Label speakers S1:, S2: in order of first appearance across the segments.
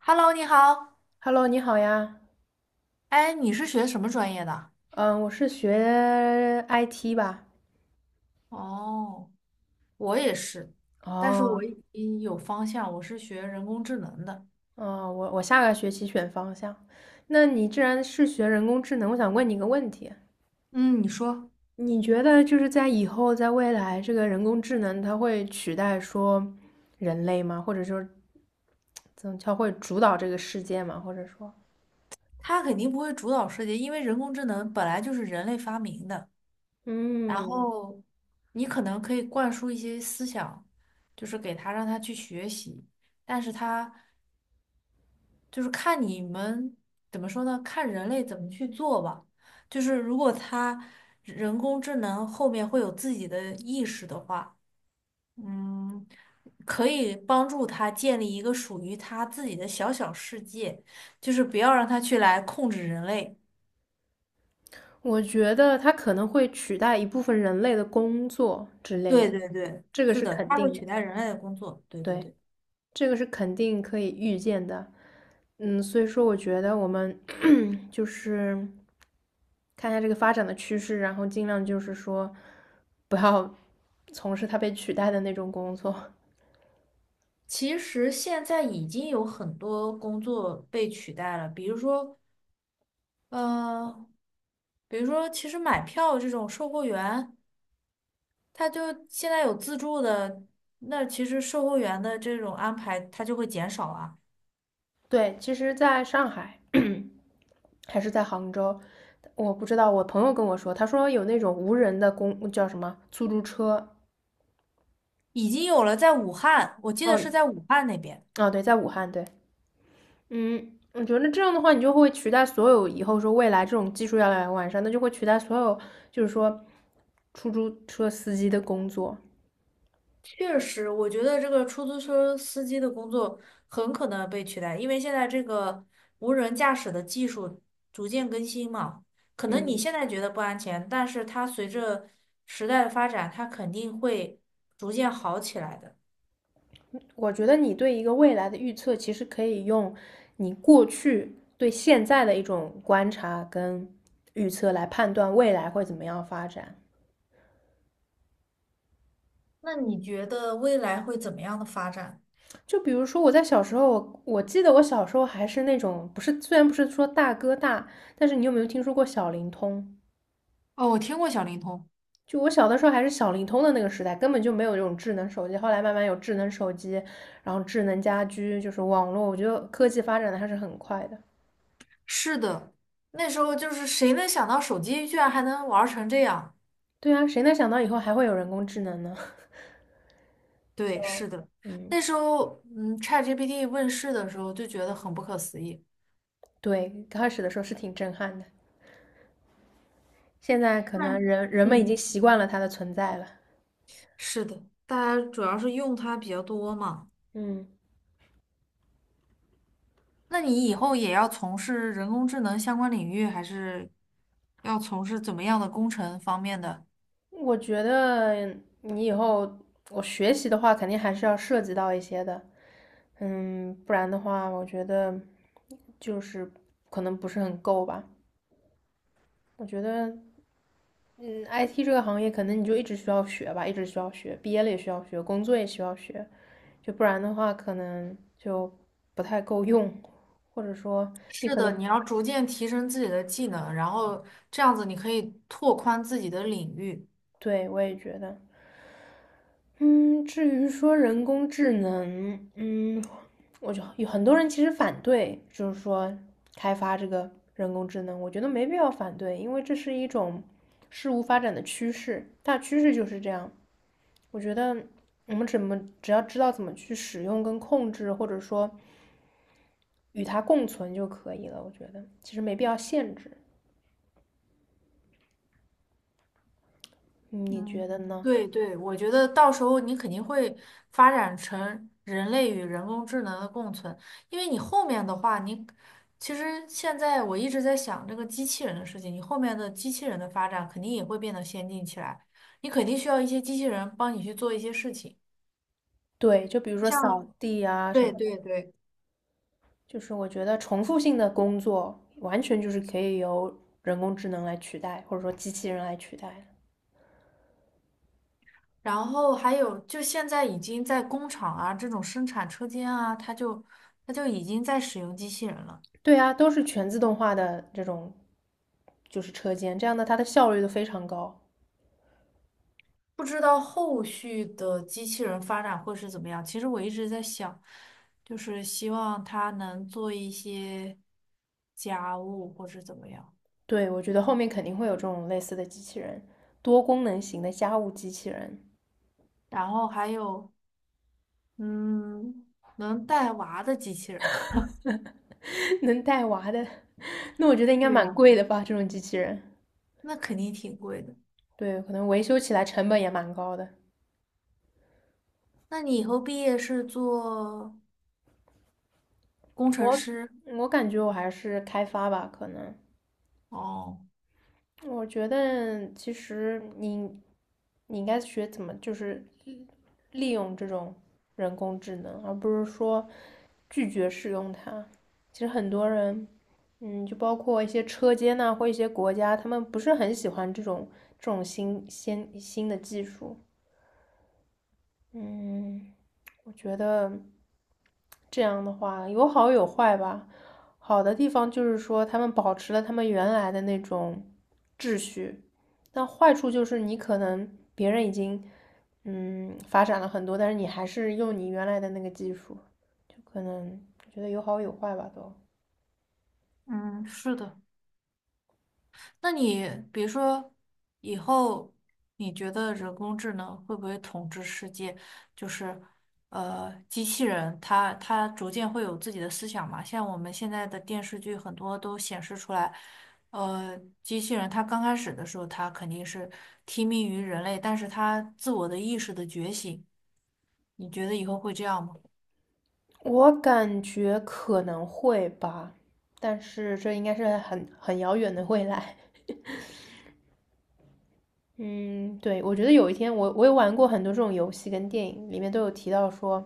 S1: Hello，你好。
S2: Hello，你好呀。
S1: 哎，你是学什么专业的？
S2: 嗯，我是学 IT 吧。
S1: 哦，我也是，但是
S2: 哦，
S1: 我已经有方向，我是学人工智能的。
S2: 哦，我下个学期选方向。那你既然是学人工智能，我想问你一个问题：
S1: 嗯，你说。
S2: 你觉得就是在以后，在未来，这个人工智能它会取代说人类吗？或者说，怎么它会主导这个世界吗？或者说，
S1: 他肯定不会主导世界，因为人工智能本来就是人类发明的。然
S2: 嗯，
S1: 后，你可能可以灌输一些思想，就是给他让他去学习，但是他。就是看你们怎么说呢？看人类怎么去做吧。就是如果他人工智能后面会有自己的意识的话，嗯，可以帮助他建立一个属于他自己的小小世界，就是不要让他去来控制人类。
S2: 我觉得它可能会取代一部分人类的工作之类
S1: 对
S2: 的，
S1: 对对，
S2: 这个
S1: 是
S2: 是
S1: 的，
S2: 肯
S1: 他会
S2: 定
S1: 取
S2: 的。
S1: 代人类的工作。对对
S2: 对。
S1: 对。
S2: 这个是肯定可以预见的。嗯，所以说我觉得我们 就是看一下这个发展的趋势，然后尽量就是说不要 从事它被取代的那种工作。
S1: 其实现在已经有很多工作被取代了，比如说，呃，比如说，其实买票这种售货员。他就现在有自助的，那其实售货员的这种安排，他就会减少啊。
S2: 对，其实在上海还是在杭州，我不知道，我朋友跟我说，他说有那种无人的公叫什么出租车。
S1: 已经有了，在武汉，我记得是
S2: 哦
S1: 在武汉那边。
S2: 哦，对，在武汉，对，嗯，我觉得这样的话，你就会取代所有以后说未来这种技术要来越完善，那就会取代所有，就是说出租车司机的工作。
S1: 确实，我觉得这个出租车司机的工作很可能被取代，因为现在这个无人驾驶的技术逐渐更新嘛。可能你
S2: 嗯，
S1: 现在觉得不安全，但是它随着时代的发展，它肯定会逐渐好起来的。
S2: 我觉得你对一个未来的预测，其实可以用你过去对现在的一种观察跟预测来判断未来会怎么样发展。
S1: 那你觉得未来会怎么样的发展？
S2: 就比如说我在小时候，我记得我小时候还是那种不是，虽然不是说大哥大，但是你有没有听说过小灵通？
S1: 哦，我听过小灵通。
S2: 就我小的时候还是小灵通的那个时代，根本就没有这种智能手机。后来慢慢有智能手机，然后智能家居，就是网络，我觉得科技发展的还是很快的。
S1: 是的，那时候就是谁能想到手机居然还能玩儿成这样？
S2: 对啊，谁能想到以后还会有人工智能呢？
S1: 对，
S2: 就，
S1: 是的，
S2: 嗯，
S1: 那时候嗯，ChatGPT 问世的时候就觉得很不可思议。
S2: 对，刚开始的时候是挺震撼的，现在可
S1: 对，
S2: 能人们已经
S1: 嗯，
S2: 习惯了它的存在了。
S1: 是的，大家主要是用它比较多嘛。
S2: 嗯，
S1: 那你以后也要从事人工智能相关领域，还是要从事怎么样的工程方面的？
S2: 我觉得你以后我学习的话，肯定还是要涉及到一些的，嗯，不然的话，我觉得就是可能不是很够吧。我觉得嗯，IT 这个行业可能你就一直需要学吧，一直需要学，毕业了也需要学，工作也需要学，就不然的话可能就不太够用，或者说你
S1: 是
S2: 可
S1: 的，
S2: 能，
S1: 你要逐渐提升自己的技能，然后这样子你可以拓宽自己的领域。
S2: 对，我也觉得，嗯，至于说人工智能，嗯，我就有很多人其实反对，就是说开发这个人工智能，我觉得没必要反对，因为这是一种事物发展的趋势，大趋势就是这样。我觉得我们怎么只要知道怎么去使用跟控制，或者说与它共存就可以了。我觉得其实没必要限制，嗯你
S1: 嗯，
S2: 觉得呢？
S1: 对对，我觉得到时候你肯定会发展成人类与人工智能的共存，因为你后面的话，其实现在我一直在想这个机器人的事情，你后面的机器人的发展肯定也会变得先进起来，你肯定需要一些机器人帮你去做一些事情，
S2: 对，就比如说扫
S1: 像
S2: 地啊什
S1: 对
S2: 么的，
S1: 对对，
S2: 就是我觉得重复性的工作完全就是可以由人工智能来取代，或者说机器人来取代的
S1: 然后还有就现在已经在工厂啊这种生产车间啊，它就已经在使用机器人了。
S2: 对啊，都是全自动化的这种，就是车间，这样的它的效率都非常高。
S1: 不知道后续的机器人发展会是怎么样。其实我一直在想，就是希望它能做一些家务或是怎么样，
S2: 对，我觉得后面肯定会有这种类似的机器人，多功能型的家务机器人。
S1: 然后还有，嗯，能带娃的机器人。
S2: 能带娃的，那我觉得应该
S1: 对
S2: 蛮
S1: 呀，
S2: 贵的吧，这种机器人。
S1: 那肯定挺贵的。
S2: 对，可能维修起来成本也蛮高的。
S1: 那你以后
S2: 嗯
S1: 毕业是做工程
S2: 我
S1: 师？
S2: 我感觉我还是开发吧，可能。
S1: 哦，
S2: 我觉得其实你应该学怎么就是利用这种人工智能，而不是说拒绝使用它。其实很多人，嗯，就包括一些车间呐、或一些国家，他们不是很喜欢这种这种新的技术。嗯，我觉得这样的话有好有坏吧。好的地方就是说，他们保持了他们原来的那种秩序，但坏处就是你可能别人已经嗯发展了很多，但是你还是用你原来的那个技术，就可能我觉得有好有坏吧都。
S1: 嗯，是的。那你比如说以后，你觉得人工智能会不会统治世界？就是机器人它逐渐会有自己的思想嘛？像我们现在的电视剧很多都显示出来，呃，机器人它刚开始的时候，它肯定是听命于人类，但是它自我的意识的觉醒，你觉得以后会这样吗？
S2: 我感觉可能会吧，但是这应该是很遥远的未来。嗯，对，我觉得有一天我也玩过很多这种游戏跟电影，里面都有提到说，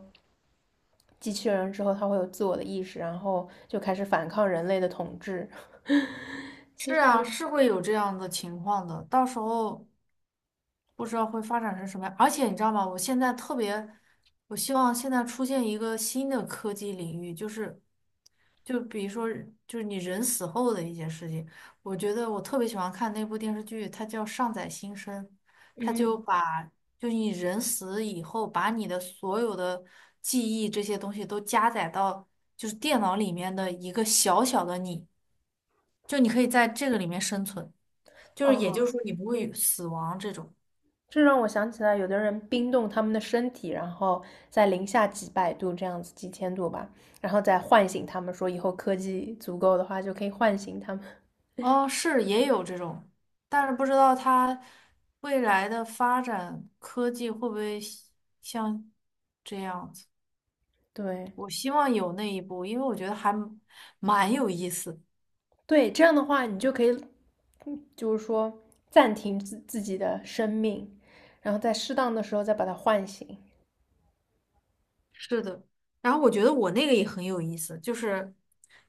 S2: 机器人之后它会有自我的意识，然后就开始反抗人类的统治。
S1: 是啊，是会有这样的情况的，到时候。不知道会发展成什么样。而且你知道吗？我现在特别，我希望现在出现一个新的科技领域，就是，就比如说，就是你人死后的一些事情。我觉得我特别喜欢看那部电视剧，它叫《上载新生》，它就
S2: 嗯，
S1: 把就是你人死以后，把你的所有的记忆这些东西都加载到就是电脑里面的一个小小的你，就你可以在这个里面生存，就是也就是
S2: 哦，
S1: 说你不会死亡这种。
S2: 这让我想起来，有的人冰冻他们的身体，然后在零下几百度这样子，几千度吧，然后再唤醒他们，说以后科技足够的话就可以唤醒他们。
S1: 哦，是也有这种，但是不知道它未来的发展科技会不会像这样子。
S2: 对，
S1: 我希望有那一步，因为我觉得还蛮有意思的。
S2: 对，这样的话，你就可以，嗯就是说暂停自己的生命，然后在适当的时候再把它唤醒。
S1: 是的，然后我觉得我那个也很有意思，就是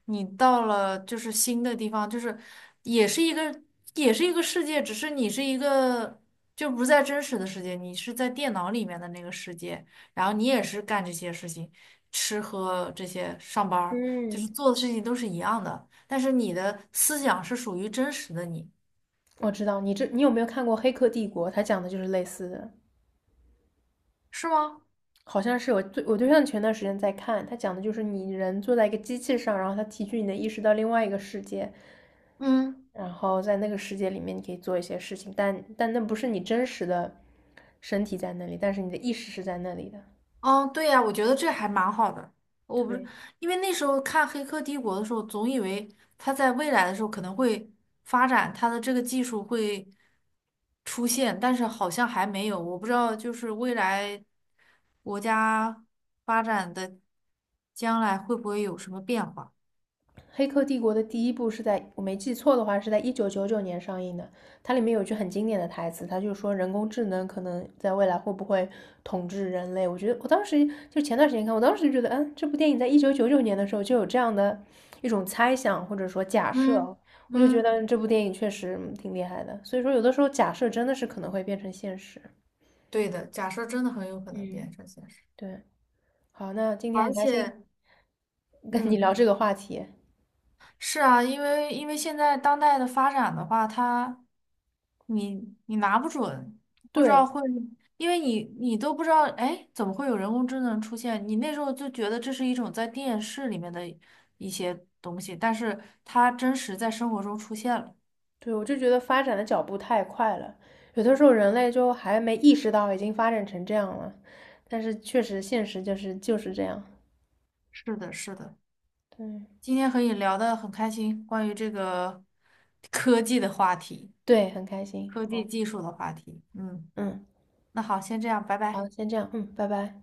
S1: 你到了就是新的地方，就是也是一个也是一个世界，只是你是一个就不在真实的世界，你是在电脑里面的那个世界，然后你也是干这些事情，吃喝这些，上班儿就
S2: 嗯，
S1: 是做的事情都是一样的，但是你的思想是属于真实的你，
S2: 我知道你这，你有没有看过《黑客帝国》？它讲的就是类似的，
S1: 是吗？
S2: 好像是我对我对象前段时间在看，他讲的就是你人坐在一个机器上，然后他提取你的意识到另外一个世界，
S1: 嗯。
S2: 然后在那个世界里面你可以做一些事情，但那不是你真实的身体在那里，但是你的意识是在那里的。
S1: 哦，对呀，我觉得这还蛮好的。我不是
S2: 对。
S1: 因为那时候看《黑客帝国》的时候，总以为它在未来的时候可能会发展它的这个技术会出现，但是好像还没有。我不知道，就是未来国家发展的将来会不会有什么变化？
S2: 黑客帝国》的第一部是在我没记错的话是在一九九九年上映的，它里面有一句很经典的台词，它就说人工智能可能在未来会不会统治人类？我觉得我当时就前段时间看，我当时就觉得，嗯，这部电影在一九九九年的时候就有这样的一种猜想或者说假
S1: 嗯
S2: 设，我就觉
S1: 嗯，
S2: 得这部电影确实嗯挺厉害的。所以说，有的时候假设真的是可能会变成现实。
S1: 对的，假设真的很有可能
S2: 嗯
S1: 变成现实，
S2: 对，好，那今天
S1: 而
S2: 很开心
S1: 且
S2: 跟你
S1: 嗯。
S2: 聊这个话题。
S1: 是啊，因为现在当代的发展的话，它你拿不准，不知道
S2: 对，
S1: 会，因为你都不知道，哎，怎么会有人工智能出现？你那时候就觉得这是一种在电视里面的一些东西，但是它真实在生活中出现了。
S2: 对，我就觉得发展的脚步太快了，有的时候人类就还没意识到已经发展成这样了，但是确实现实就是这样。
S1: 是的，是的，
S2: 对
S1: 今天和你聊得很开心，关于这个科技的话题，
S2: 对，很开心。
S1: 科技
S2: 好，
S1: 技术的话题。嗯，
S2: 嗯，
S1: 那好，先这样，拜拜。
S2: 好，先这样，嗯，拜拜。